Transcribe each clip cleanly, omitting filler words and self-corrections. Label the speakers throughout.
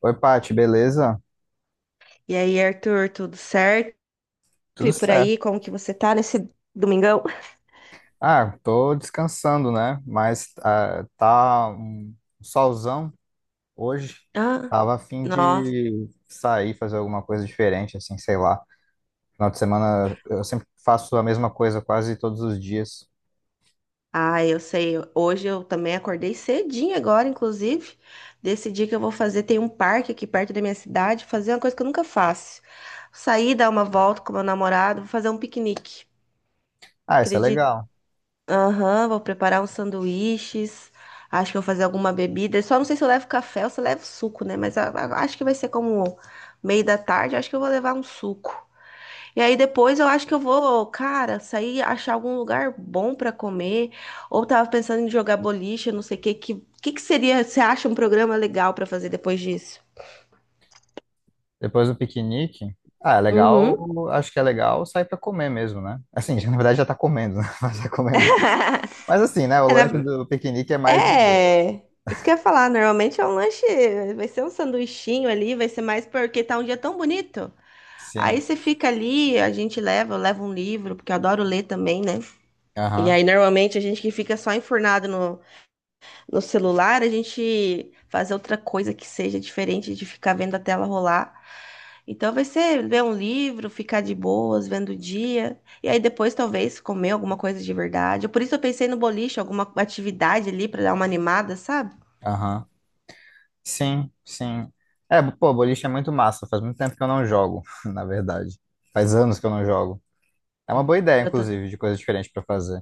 Speaker 1: Oi, Paty, beleza?
Speaker 2: E aí, Arthur, tudo certo?
Speaker 1: Tudo
Speaker 2: E por
Speaker 1: certo.
Speaker 2: aí, como que você tá nesse domingão?
Speaker 1: Ah, tô descansando, né? Mas tá um solzão hoje.
Speaker 2: Ah,
Speaker 1: Tava a fim
Speaker 2: nossa.
Speaker 1: de sair, fazer alguma coisa diferente, assim, sei lá. Final de semana eu sempre faço a mesma coisa quase todos os dias.
Speaker 2: Ah, eu sei. Hoje eu também acordei cedinho agora, inclusive. Decidi que eu vou fazer. Tem um parque aqui perto da minha cidade, fazer uma coisa que eu nunca faço. Sair, dar uma volta com meu namorado, vou fazer um piquenique.
Speaker 1: Ah, isso é
Speaker 2: Acredito.
Speaker 1: legal.
Speaker 2: Aham, vou preparar uns sanduíches. Acho que vou fazer alguma bebida. Só não sei se eu levo café ou se eu levo suco, né? Mas acho que vai ser como meio da tarde. Acho que eu vou levar um suco. E aí depois eu acho que eu vou, cara, sair, achar algum lugar bom pra comer. Ou tava pensando em jogar boliche, não sei o que. Que que seria, você acha um programa legal pra fazer depois disso?
Speaker 1: Depois do piquenique, ah, é legal,
Speaker 2: Uhum.
Speaker 1: acho que é legal sair pra comer mesmo, né? Assim, na verdade já tá comendo, né? Mas é comer mais. Mas assim, né? O
Speaker 2: É,
Speaker 1: lanche
Speaker 2: na-
Speaker 1: do piquenique é mais de boa.
Speaker 2: é, isso que eu ia falar. Normalmente é um lanche, vai ser um sanduichinho ali, vai ser mais porque tá um dia tão bonito. Aí
Speaker 1: Sim.
Speaker 2: você fica ali, a gente leva, eu levo um livro, porque eu adoro ler também, né? E
Speaker 1: Aham,
Speaker 2: aí normalmente a gente que fica só enfurnado no celular, a gente fazer outra coisa que seja diferente de ficar vendo a tela rolar. Então vai ser ver um livro, ficar de boas, vendo o dia, e aí depois talvez comer alguma coisa de verdade. Por isso eu pensei no boliche, alguma atividade ali para dar uma animada, sabe?
Speaker 1: aham. Sim, sim. É, pô, boliche é muito massa. Faz muito tempo que eu não jogo, na verdade. Faz anos que eu não jogo. É uma boa ideia,
Speaker 2: Eu ta-
Speaker 1: inclusive, de coisa diferente pra fazer.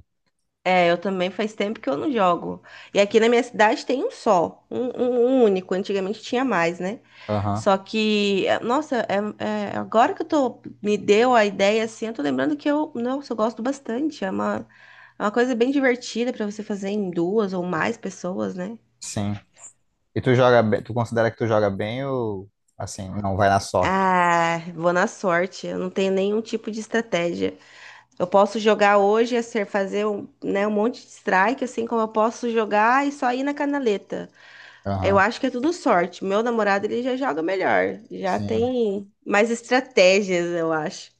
Speaker 2: eu também faz tempo que eu não jogo. E aqui na minha cidade tem um só, um único. Antigamente tinha mais, né?
Speaker 1: Aham,
Speaker 2: Só que, nossa, agora que eu tô, me deu a ideia, assim, eu tô lembrando que eu, nossa, eu gosto bastante. É uma coisa bem divertida pra você fazer em duas ou mais pessoas, né?
Speaker 1: sim. E tu joga bem, tu considera que tu joga bem ou assim, não vai na sorte?
Speaker 2: Ah, vou na sorte. Eu não tenho nenhum tipo de estratégia. Eu posso jogar hoje, é ser fazer um, né, um monte de strike, assim como eu posso jogar e só ir na canaleta. Eu
Speaker 1: Aham,
Speaker 2: acho que é tudo sorte. Meu namorado, ele já joga melhor. Já
Speaker 1: sim.
Speaker 2: tem mais estratégias, eu acho.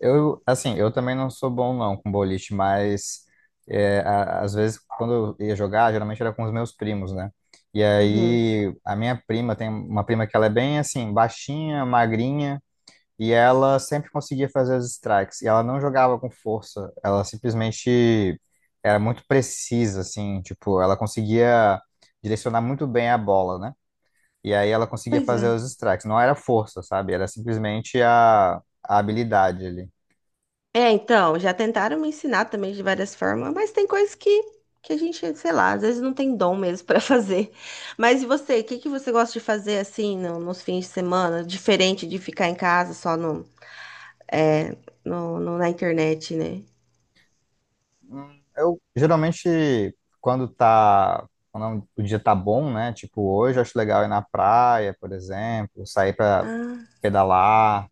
Speaker 1: Eu, assim, eu também não sou bom não com boliche, mas é, às vezes quando eu ia jogar, geralmente era com os meus primos, né? E
Speaker 2: Uhum.
Speaker 1: aí a minha prima tem uma prima que ela é bem assim, baixinha, magrinha. E ela sempre conseguia fazer os strikes. E ela não jogava com força. Ela simplesmente era muito precisa, assim. Tipo, ela conseguia direcionar muito bem a bola, né? E aí ela conseguia
Speaker 2: Pois é.
Speaker 1: fazer os strikes. Não era força, sabe? Era simplesmente a habilidade ali.
Speaker 2: É, então, já tentaram me ensinar também de várias formas, mas tem coisas que a gente, sei lá, às vezes não tem dom mesmo para fazer. Mas e você, o que que você gosta de fazer assim nos fins de semana, diferente de ficar em casa só é, na internet, né?
Speaker 1: Eu geralmente, quando tá. Quando o dia tá bom, né? Tipo, hoje eu acho legal ir na praia, por exemplo, sair pra
Speaker 2: Ah,
Speaker 1: pedalar,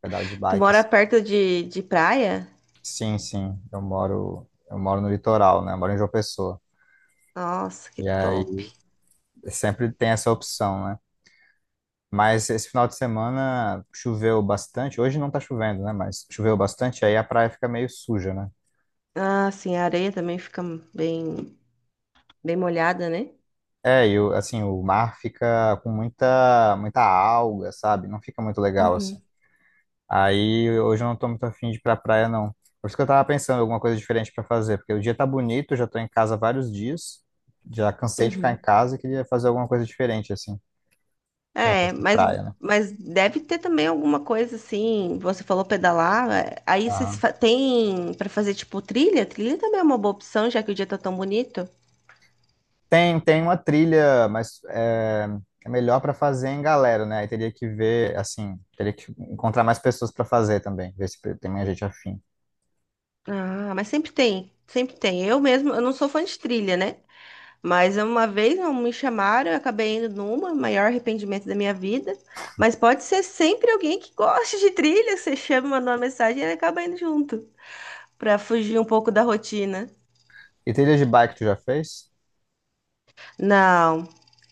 Speaker 1: pedal de
Speaker 2: tu
Speaker 1: bike.
Speaker 2: mora de praia?
Speaker 1: Sim, sim. Eu moro no litoral, né? Eu moro em João Pessoa.
Speaker 2: Nossa, que
Speaker 1: E aí
Speaker 2: top.
Speaker 1: sempre tem essa opção, né? Mas esse final de semana choveu bastante. Hoje não tá chovendo, né? Mas choveu bastante, aí a praia fica meio suja, né?
Speaker 2: Ah, sim, a areia também fica bem, bem molhada, né?
Speaker 1: É, assim, o mar fica com muita, muita alga, sabe? Não fica muito legal, assim.
Speaker 2: Uhum,
Speaker 1: Aí hoje eu não tô muito afim de ir pra praia, não. Por isso que eu tava pensando em alguma coisa diferente pra fazer, porque o dia tá bonito, eu já tô em casa há vários dias, já cansei de ficar em
Speaker 2: uhum.
Speaker 1: casa e queria fazer alguma coisa diferente, assim.
Speaker 2: É,
Speaker 1: Campos de praia, né?
Speaker 2: mas deve ter também alguma coisa assim. Você falou pedalar, é, aí
Speaker 1: Aham.
Speaker 2: tem pra fazer tipo trilha? Trilha também é uma boa opção, já que o dia tá tão bonito.
Speaker 1: Tem, tem uma trilha, mas é melhor para fazer em galera, né? Aí teria que ver, assim, teria que encontrar mais pessoas para fazer também, ver se tem mais gente afim.
Speaker 2: Ah, mas sempre tem, sempre tem. Eu mesmo, eu não sou fã de trilha, né? Mas uma vez não me chamaram, eu acabei indo numa, maior arrependimento da minha vida. Mas pode ser sempre alguém que goste de trilha, que você chama, manda uma mensagem e ele acaba indo junto, pra fugir um pouco da rotina.
Speaker 1: E trilha de bike tu já fez?
Speaker 2: Não,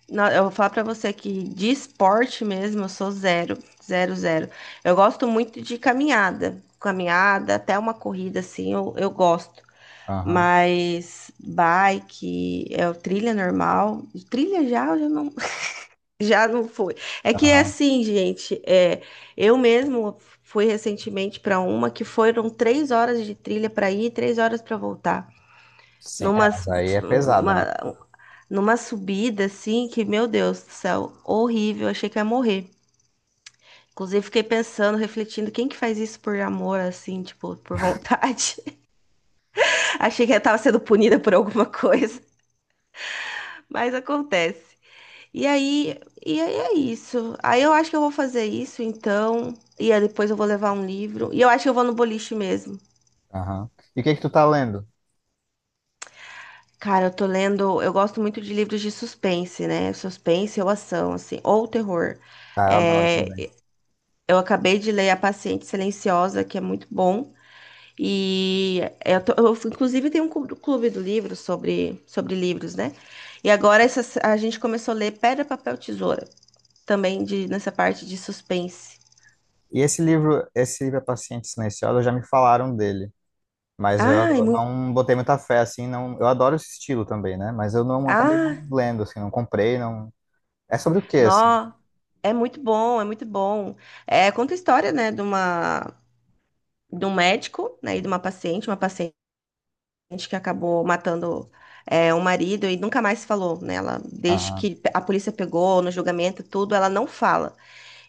Speaker 2: não, eu vou falar pra você que de esporte mesmo eu sou zero, zero, zero. Eu gosto muito de caminhada, caminhada, até uma corrida assim, eu gosto.
Speaker 1: Aham,
Speaker 2: Mas bike, é o trilha normal, trilha já, eu já não, já não foi. É que é
Speaker 1: aham.
Speaker 2: assim, gente, eu mesmo fui recentemente para uma que foram três horas de trilha para ir, e três horas para voltar.
Speaker 1: Sim, é,
Speaker 2: Numa,
Speaker 1: mas aí é pesada, né?
Speaker 2: numa subida assim que, meu Deus do céu, horrível, achei que ia morrer. Inclusive, fiquei pensando, refletindo, quem que faz isso por amor, assim, tipo, por vontade? Achei que eu tava sendo punida por alguma coisa, mas acontece. E aí, e aí é isso. Aí eu acho que eu vou fazer isso, então. E aí depois eu vou levar um livro. E eu acho que eu vou no boliche mesmo.
Speaker 1: Aham. E o que que tu tá lendo?
Speaker 2: Cara, eu tô lendo. Eu gosto muito de livros de suspense, né? Suspense ou ação, assim, ou terror.
Speaker 1: Ah, eu adoro também.
Speaker 2: É, eu acabei de ler A Paciente Silenciosa, que é muito bom. E eu, inclusive tem um clube do livro sobre, sobre livros, né? E agora essa, a gente começou a ler Pedra, Papel, Tesoura, também de, nessa parte de suspense.
Speaker 1: E esse livro A Paciente Silenciosa, já me falaram dele, mas eu
Speaker 2: Ai, muito.
Speaker 1: não botei muita fé, assim, não, eu adoro esse estilo também, né? Mas eu não acabei não
Speaker 2: Ah,
Speaker 1: lendo, assim, não comprei, não. É sobre o que assim?
Speaker 2: nó. É muito bom, é muito bom. É, conta a história, né, de um médico, né, e de uma paciente, uma paciente. Gente que acabou matando, é, o marido e nunca mais falou, né? Ela, desde
Speaker 1: Aham,
Speaker 2: que a polícia pegou no julgamento, e tudo, ela não fala.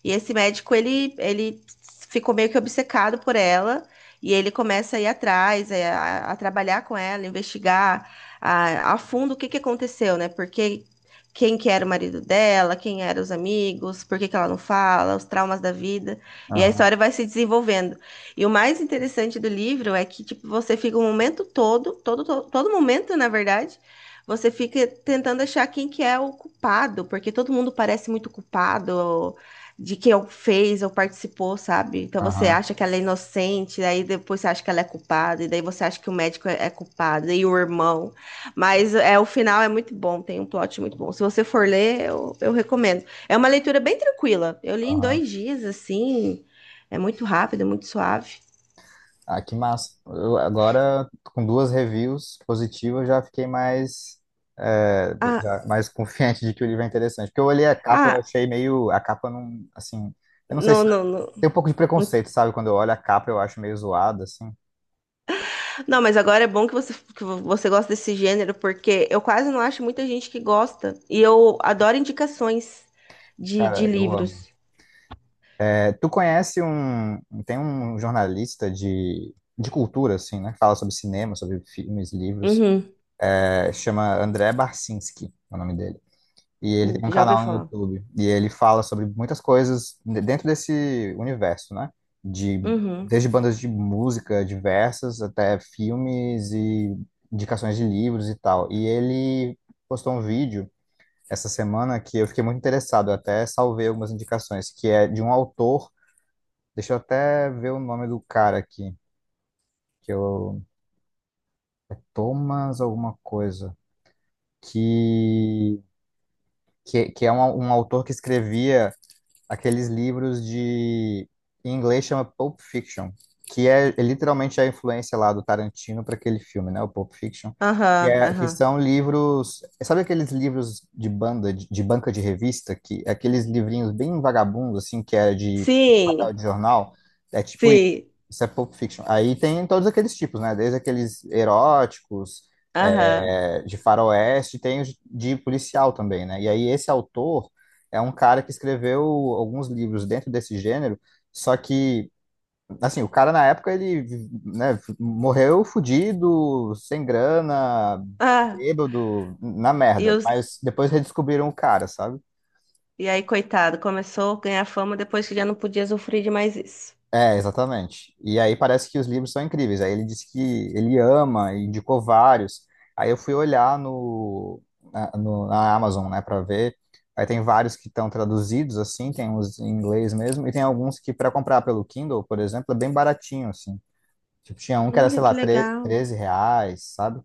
Speaker 2: E esse médico, ele ficou meio que obcecado por ela. E ele começa a ir atrás, é, a trabalhar com ela, investigar a fundo o que, que aconteceu, né? Porque quem que era o marido dela, quem eram os amigos, por que que ela não fala, os traumas da vida. E a
Speaker 1: aham,
Speaker 2: história vai se desenvolvendo. E o mais interessante do livro é que, tipo, você fica o momento todo, todo momento, na verdade, você fica tentando achar quem que é o culpado, porque todo mundo parece muito culpado, de que eu fez ou participou, sabe? Então você
Speaker 1: aham,
Speaker 2: acha que ela é inocente, aí depois você acha que ela é culpada, e daí você acha que o médico é culpado, e o irmão. Mas o final é muito bom, tem um plot muito bom. Se você for ler, eu recomendo. É uma leitura bem tranquila. Eu li em
Speaker 1: aham.
Speaker 2: dois dias, assim, é muito rápido, muito suave.
Speaker 1: Ah, que massa. Eu agora, com duas reviews positivas, já fiquei mais, é,
Speaker 2: Ah,
Speaker 1: já mais confiante de que o livro é interessante. Porque eu olhei a capa, eu
Speaker 2: ah,
Speaker 1: achei meio. A capa não. Assim. Eu não sei se.
Speaker 2: não.
Speaker 1: Tem um pouco de preconceito, sabe? Quando eu olho a capa, eu acho meio zoado, assim.
Speaker 2: Não, mas agora é bom que que você gosta desse gênero, porque eu quase não acho muita gente que gosta. E eu adoro indicações de
Speaker 1: Cara, eu amo.
Speaker 2: livros.
Speaker 1: É, tu conhece um. Tem um jornalista de cultura, assim, né? Que fala sobre cinema, sobre filmes, livros.
Speaker 2: Uhum.
Speaker 1: É, chama André Barcinski, é o nome dele. E ele tem um
Speaker 2: Já ouvi
Speaker 1: canal no
Speaker 2: falar.
Speaker 1: YouTube. E ele fala sobre muitas coisas dentro desse universo, né? De,
Speaker 2: Uhum.
Speaker 1: desde bandas de música diversas até filmes e indicações de livros e tal. E ele postou um vídeo essa semana que eu fiquei muito interessado. Eu até salvei algumas indicações, que é de um autor. Deixa eu até ver o nome do cara aqui, que eu. Thomas alguma coisa. Que, que é um autor que escrevia aqueles livros de em inglês chama Pulp Fiction, que é literalmente a influência lá do Tarantino para aquele filme, né? O Pulp Fiction, que,
Speaker 2: Aham,
Speaker 1: é, que
Speaker 2: aham.
Speaker 1: são livros, sabe aqueles livros de banda, de banca de revista, que é aqueles livrinhos bem vagabundos assim, que é de papel
Speaker 2: Sim,
Speaker 1: de jornal, é tipo isso.
Speaker 2: sim.
Speaker 1: Isso é Pulp Fiction. Aí tem todos aqueles tipos, né? Desde aqueles eróticos,
Speaker 2: Aham.
Speaker 1: é, de faroeste, tem os de policial também, né? E aí esse autor é um cara que escreveu alguns livros dentro desse gênero, só que, assim, o cara na época ele, né, morreu fudido, sem grana,
Speaker 2: Ah,
Speaker 1: bêbado, na
Speaker 2: e,
Speaker 1: merda,
Speaker 2: os,
Speaker 1: mas depois redescobriram o cara, sabe?
Speaker 2: e aí, coitado, começou a ganhar fama depois que já não podia sofrer de mais isso.
Speaker 1: É, exatamente. E aí parece que os livros são incríveis. Aí ele disse que ele ama e indicou vários. Aí eu fui olhar na Amazon, né, para ver. Aí tem vários que estão traduzidos, assim, tem uns em inglês mesmo, e tem alguns que para comprar pelo Kindle, por exemplo, é bem baratinho, assim. Tipo, tinha um que era,
Speaker 2: Olha
Speaker 1: sei
Speaker 2: que
Speaker 1: lá, tre
Speaker 2: legal.
Speaker 1: R$ 13, sabe?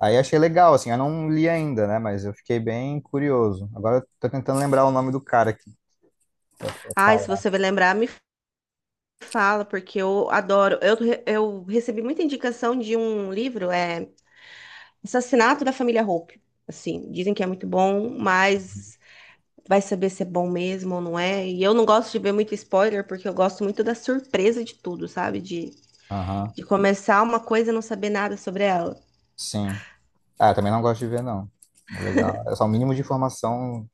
Speaker 1: Aí eu achei legal, assim, eu não li ainda, né, mas eu fiquei bem curioso. Agora eu tô tentando lembrar o nome do cara aqui pra
Speaker 2: Ah, se
Speaker 1: falar.
Speaker 2: você vai lembrar, me fala, porque eu adoro. Eu recebi muita indicação de um livro, é. Assassinato da Família Hope. Assim, dizem que é muito bom, mas vai saber se é bom mesmo ou não é. E eu não gosto de ver muito spoiler, porque eu gosto muito da surpresa de tudo, sabe?
Speaker 1: Aham,
Speaker 2: De começar uma coisa e não saber nada sobre ela.
Speaker 1: sim. Ah, também não gosto de ver, não. Mas legal. É só o mínimo de informação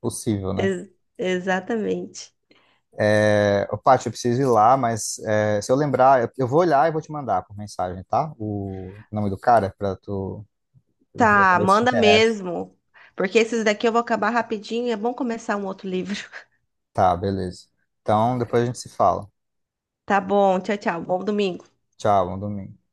Speaker 1: possível, né?
Speaker 2: Ex- exatamente.
Speaker 1: Ô, Paty, eu preciso ir lá, mas se eu lembrar, eu vou olhar e vou te mandar por mensagem, tá? O nome do cara, pra tu ver
Speaker 2: Tá,
Speaker 1: também se te
Speaker 2: manda
Speaker 1: interessa.
Speaker 2: mesmo. Porque esses daqui eu vou acabar rapidinho. É bom começar um outro livro.
Speaker 1: Tá, beleza. Então, depois a gente se fala.
Speaker 2: Tá bom, tchau, tchau. Bom domingo.
Speaker 1: Tchau, bom domingo.